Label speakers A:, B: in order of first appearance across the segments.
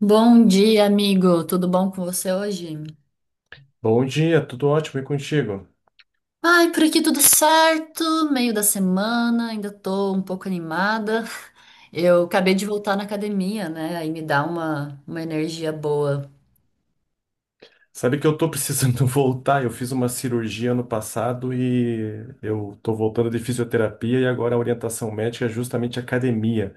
A: Bom dia, amigo. Tudo bom com você hoje?
B: Bom dia, tudo ótimo e contigo?
A: Ai, por aqui tudo certo. Meio da semana, ainda tô um pouco animada. Eu acabei de voltar na academia, né? Aí me dá uma energia boa.
B: Sabe que eu tô precisando voltar, eu fiz uma cirurgia ano passado e eu tô voltando de fisioterapia e agora a orientação médica é justamente academia,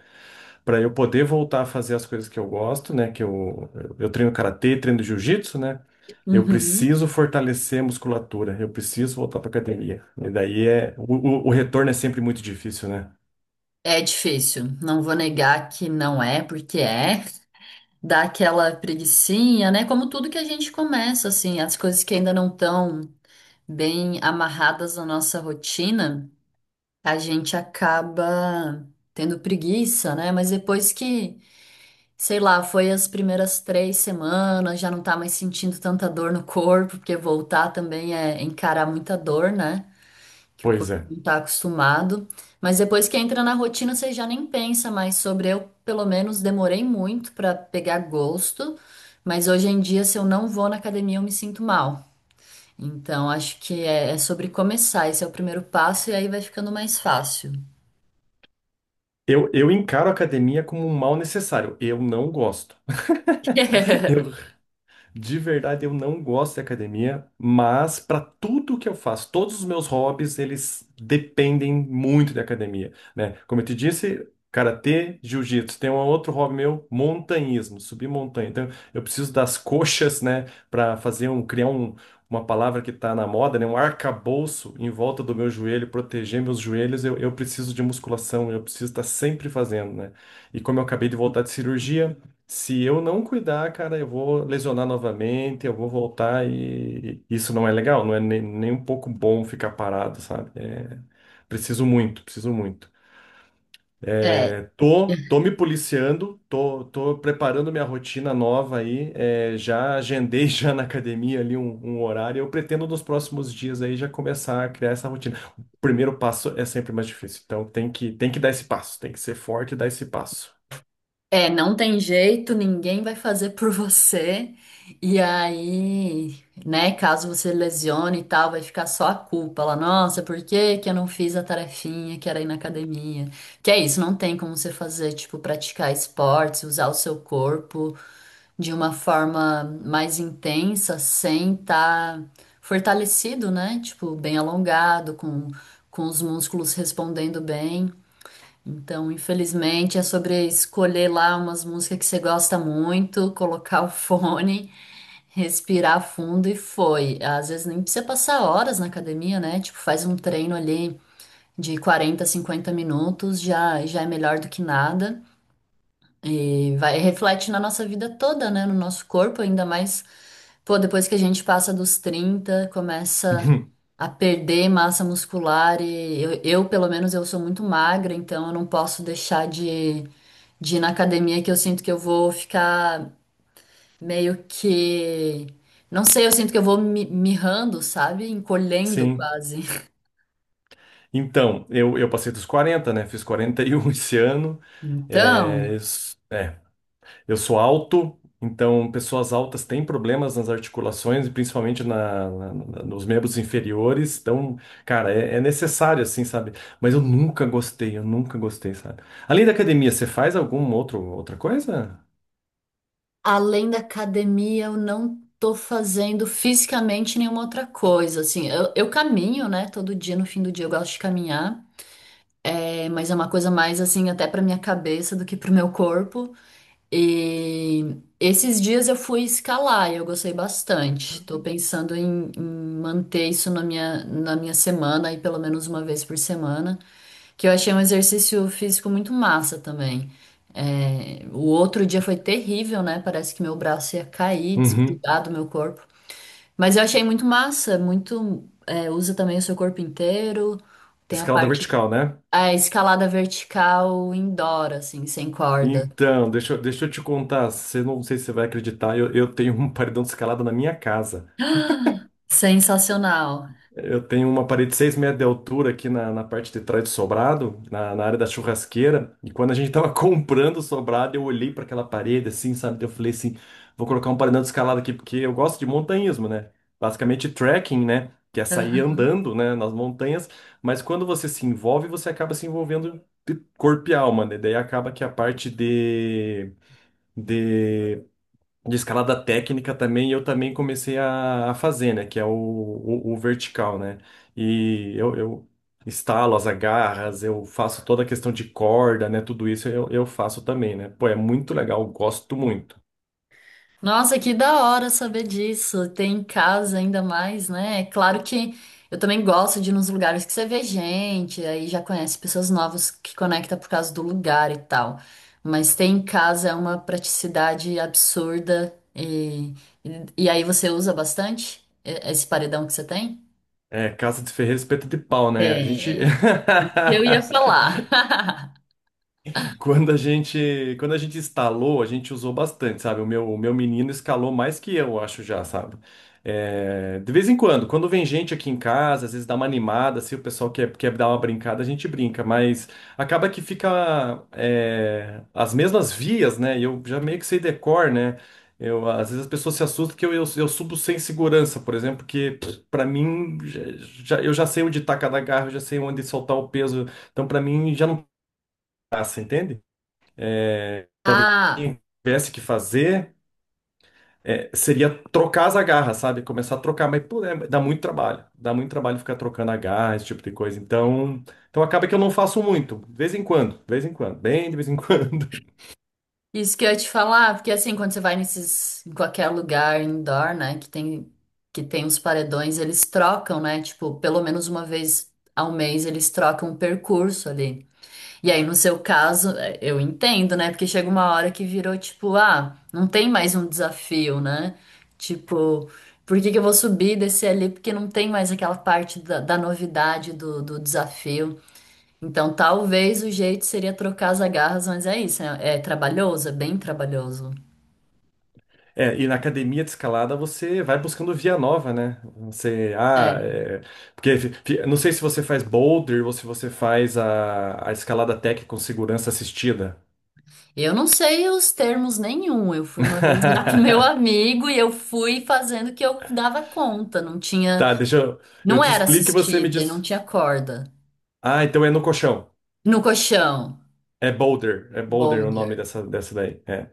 B: para eu poder voltar a fazer as coisas que eu gosto, né, eu treino karatê, treino jiu-jitsu, né? Eu
A: Uhum.
B: preciso fortalecer a musculatura, eu preciso voltar para academia. E daí é o retorno é sempre muito difícil, né?
A: É difícil. Não vou negar que não é, porque é. Dá aquela preguicinha, né? Como tudo que a gente começa, assim, as coisas que ainda não estão bem amarradas na nossa rotina. A gente acaba tendo preguiça, né? Mas depois que, sei lá, foi as primeiras 3 semanas, já não tá mais sentindo tanta dor no corpo, porque voltar também é encarar muita dor, né? Que o
B: Pois
A: corpo
B: é.
A: não tá acostumado. Mas depois que entra na rotina, você já nem pensa mais sobre. Eu, pelo menos, demorei muito pra pegar gosto, mas hoje em dia, se eu não vou na academia, eu me sinto mal. Então, acho que é sobre começar. Esse é o primeiro passo, e aí vai ficando mais fácil.
B: Eu encaro a academia como um mal necessário. Eu não gosto. Eu De verdade, eu não gosto de academia, mas para tudo que eu faço, todos os meus hobbies, eles dependem muito de academia, né? Como eu te disse, karatê, jiu-jitsu, tem um outro hobby meu, montanhismo, subir montanha. Então, eu preciso das coxas, né, para fazer um criar um, uma palavra que está na moda, né, um arcabouço em volta do meu joelho, proteger meus joelhos. Eu preciso de musculação, eu preciso estar sempre fazendo, né? E como eu acabei de voltar de cirurgia, se eu não cuidar, cara, eu vou lesionar novamente, eu vou voltar e isso não é legal, não é nem um pouco bom ficar parado, sabe? Preciso muito, preciso muito.
A: É,
B: Tô me policiando, tô preparando minha rotina nova aí, é, já agendei já na academia ali um horário, eu pretendo nos próximos dias aí já começar a criar essa rotina. O primeiro passo é sempre mais difícil, então tem que dar esse passo, tem que ser forte e dar esse passo.
A: não tem jeito, ninguém vai fazer por você. E aí, né, caso você lesione e tal, vai ficar só a culpa lá. Nossa, por que que eu não fiz a tarefinha que era ir na academia? Que é isso, não tem como você fazer, tipo, praticar esportes, usar o seu corpo de uma forma mais intensa sem estar fortalecido, né? Tipo, bem alongado, com os músculos respondendo bem. Então, infelizmente, é sobre escolher lá umas músicas que você gosta muito, colocar o fone, respirar fundo e foi. Às vezes nem precisa passar horas na academia, né? Tipo, faz um treino ali de 40, 50 minutos, já, já é melhor do que nada. E vai, reflete na nossa vida toda, né? No nosso corpo, ainda mais, pô, depois que a gente passa dos 30 começa a perder massa muscular e eu, pelo menos, eu sou muito magra, então eu não posso deixar de ir na academia que eu sinto que eu vou ficar meio que, não sei, eu sinto que eu vou mirrando, sabe? Encolhendo
B: Sim.
A: quase.
B: Então, eu passei dos 40, né? Fiz 41 esse ano. É,
A: Então,
B: eu s- é, eu sou alto, então pessoas altas têm problemas nas articulações e principalmente nos membros inferiores. Então, cara, é necessário, assim, sabe? Mas eu nunca gostei, sabe? Além da academia, você faz outra coisa?
A: além da academia, eu não tô fazendo fisicamente nenhuma outra coisa, assim, eu caminho, né, todo dia, no fim do dia eu gosto de caminhar, é, mas é uma coisa mais, assim, até pra minha cabeça do que pro meu corpo, e esses dias eu fui escalar e eu gostei bastante, tô pensando em manter isso na minha semana, aí pelo menos uma vez por semana, que eu achei um exercício físico muito massa também. É, o outro dia foi terrível, né? Parece que meu braço ia cair,
B: Uhum.
A: desgrudar do meu corpo. Mas eu achei muito massa, muito. É, usa também o seu corpo inteiro. Tem a
B: Escalada
A: parte.
B: vertical, né?
A: A escalada vertical indoor, assim, sem corda.
B: Então, deixa eu te contar. Você não sei se você vai acreditar, eu tenho um paredão de escalada na minha casa.
A: Sensacional.
B: Eu tenho uma parede de 6 metros de altura aqui na, na parte de trás do sobrado, na, na área da churrasqueira. E quando a gente tava comprando o sobrado, eu olhei para aquela parede assim, sabe? Daí eu falei assim: vou colocar um paredão escalado aqui, porque eu gosto de montanhismo, né? Basicamente trekking, né? Que é sair
A: Aham.
B: andando, né, nas montanhas. Mas quando você se envolve, você acaba se envolvendo de corpo e alma, né? Daí acaba que a parte de de escalada técnica também, eu também comecei a fazer, né? Que é o vertical, né? E eu instalo as agarras, eu faço toda a questão de corda, né? Tudo isso eu faço também, né? Pô, é muito legal, gosto muito.
A: Nossa, que da hora saber disso. Tem em casa ainda mais, né? É claro que eu também gosto de ir nos lugares que você vê gente, aí já conhece pessoas novas que conecta por causa do lugar e tal. Mas ter em casa é uma praticidade absurda e aí você usa bastante esse paredão que você tem?
B: É, casa de ferreiro, espeto de pau, né? A gente.
A: É, isso que eu ia falar.
B: Quando a gente instalou, a gente usou bastante, sabe? O meu menino escalou mais que eu, acho já, sabe? É, de vez em quando, quando vem gente aqui em casa, às vezes dá uma animada, se o pessoal quer dar uma brincada, a gente brinca, mas acaba que fica é, as mesmas vias, né? E eu já meio que sei decor, né? Eu, às vezes as pessoas se assustam que eu subo sem segurança, por exemplo, que para mim eu já sei onde tá cada garra, eu já sei onde soltar o peso, então para mim já não passa, entende? Talvez
A: Ah,
B: quem tivesse que fazer seria trocar as agarras, sabe? Começar a trocar, mas pô, é, dá muito trabalho. Dá muito trabalho ficar trocando agarra, esse tipo de coisa. Então acaba que eu não faço muito, de vez em quando, de vez em quando, bem de vez em quando.
A: isso que eu ia te falar, porque assim, quando você vai nesses, em qualquer lugar indoor, né, que tem os paredões, eles trocam, né, tipo, pelo menos uma vez ao mês eles trocam o percurso ali. E aí, no seu caso, é, eu entendo, né, porque chega uma hora que virou, tipo, ah, não tem mais um desafio, né, tipo, por que que eu vou subir e descer ali, porque não tem mais aquela parte da novidade do desafio. Então, talvez o jeito seria trocar as agarras, mas é isso, é trabalhoso, é bem trabalhoso.
B: É, e na academia de escalada você vai buscando via nova, né? Você, ah,
A: É.
B: é, porque fi- fi- Não sei se você faz boulder ou se você faz a escalada tech com segurança assistida.
A: Eu não sei os termos nenhum. Eu fui uma vez lá com meu amigo e eu fui fazendo o que eu dava conta. Não tinha,
B: Tá, eu
A: não
B: te
A: era
B: explico e você me
A: assistida, e não
B: diz.
A: tinha corda.
B: Ah, então é no colchão.
A: No colchão,
B: É boulder, é boulder o nome
A: boulder,
B: dessa, dessa daí. É.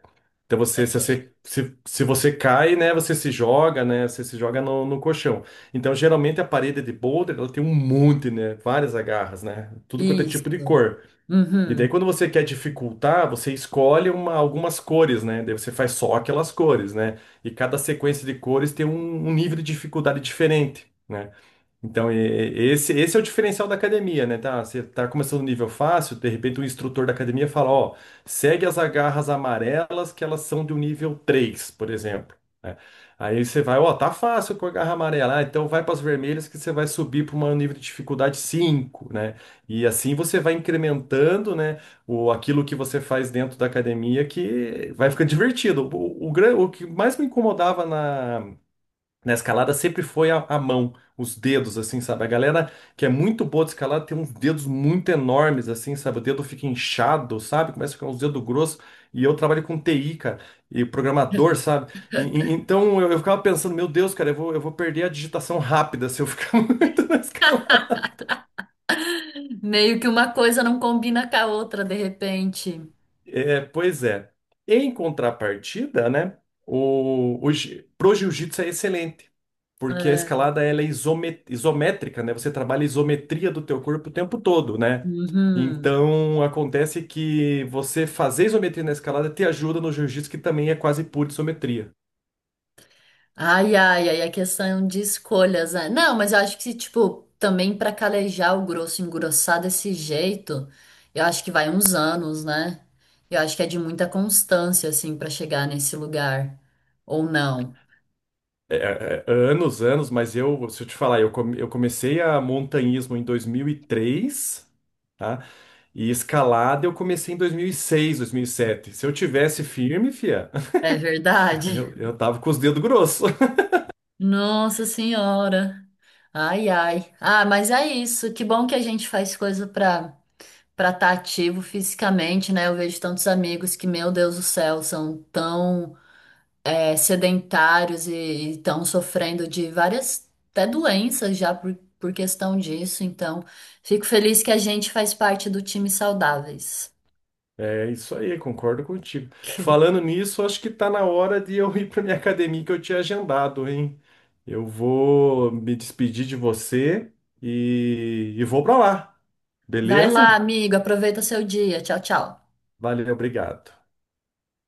B: Então você,
A: saquei.
B: se você cai, né, você se joga, né, você se joga no, no colchão. Então geralmente a parede de boulder, ela tem um monte, né, várias agarras, né, tudo quanto é tipo de
A: Isso.
B: cor. E daí
A: Uhum.
B: quando você quer dificultar, você escolhe algumas cores, né, daí você faz só aquelas cores, né, e cada sequência de cores tem um nível de dificuldade diferente, né? Então, esse é o diferencial da academia, né? Tá, você tá começando no nível fácil, de repente o instrutor da academia fala, ó, segue as agarras amarelas que elas são do nível 3, por exemplo, né? Aí você vai, ó, tá fácil com a garra amarela, ah, então vai para as vermelhas que você vai subir para um nível de dificuldade 5, né? E assim você vai incrementando, né, aquilo que você faz dentro da academia que vai ficando divertido. O que mais me incomodava na escalada sempre foi a mão, os dedos, assim, sabe? A galera que é muito boa de escalada tem uns dedos muito enormes, assim, sabe? O dedo fica inchado, sabe? Começa a ficar uns dedos grossos. E eu trabalho com TI, cara, e programador, sabe? Então eu ficava pensando, meu Deus, cara, eu vou perder a digitação rápida se eu ficar muito na escalada.
A: Meio que uma coisa não combina com a outra de repente.
B: É, pois é. Em contrapartida, né, pro jiu-jitsu é excelente, porque a
A: É.
B: escalada ela é isométrica, né? Você trabalha a isometria do teu corpo o tempo todo, né?
A: Uhum.
B: Então acontece que você fazer isometria na escalada te ajuda no jiu-jitsu, que também é quase pura isometria.
A: Ai, ai, ai, a questão de escolhas, né? Não, mas eu acho que, tipo, também pra calejar o grosso, engrossar desse jeito, eu acho que vai uns anos, né? Eu acho que é de muita constância, assim, pra chegar nesse lugar. Ou não.
B: É, é, anos, anos, mas eu, se eu te falar, eu comecei a montanhismo em 2003, tá? E escalada eu comecei em dois mil e seis, 2007. Se eu tivesse firme, fia,
A: É verdade?
B: eu tava com os dedos grossos.
A: Nossa Senhora. Ai, ai. Ah, mas é isso. Que bom que a gente faz coisa pra para estar ativo fisicamente, né? Eu vejo tantos amigos que, meu Deus do céu, são tão é, sedentários e estão sofrendo de várias até doenças já por questão disso. Então, fico feliz que a gente faz parte do time saudáveis.
B: É isso aí, concordo contigo. Falando nisso, acho que tá na hora de eu ir pra minha academia que eu tinha agendado, hein? Eu vou me despedir de você e vou pra lá,
A: Vai lá,
B: beleza?
A: amigo, aproveita seu dia. Tchau, tchau.
B: Valeu, obrigado.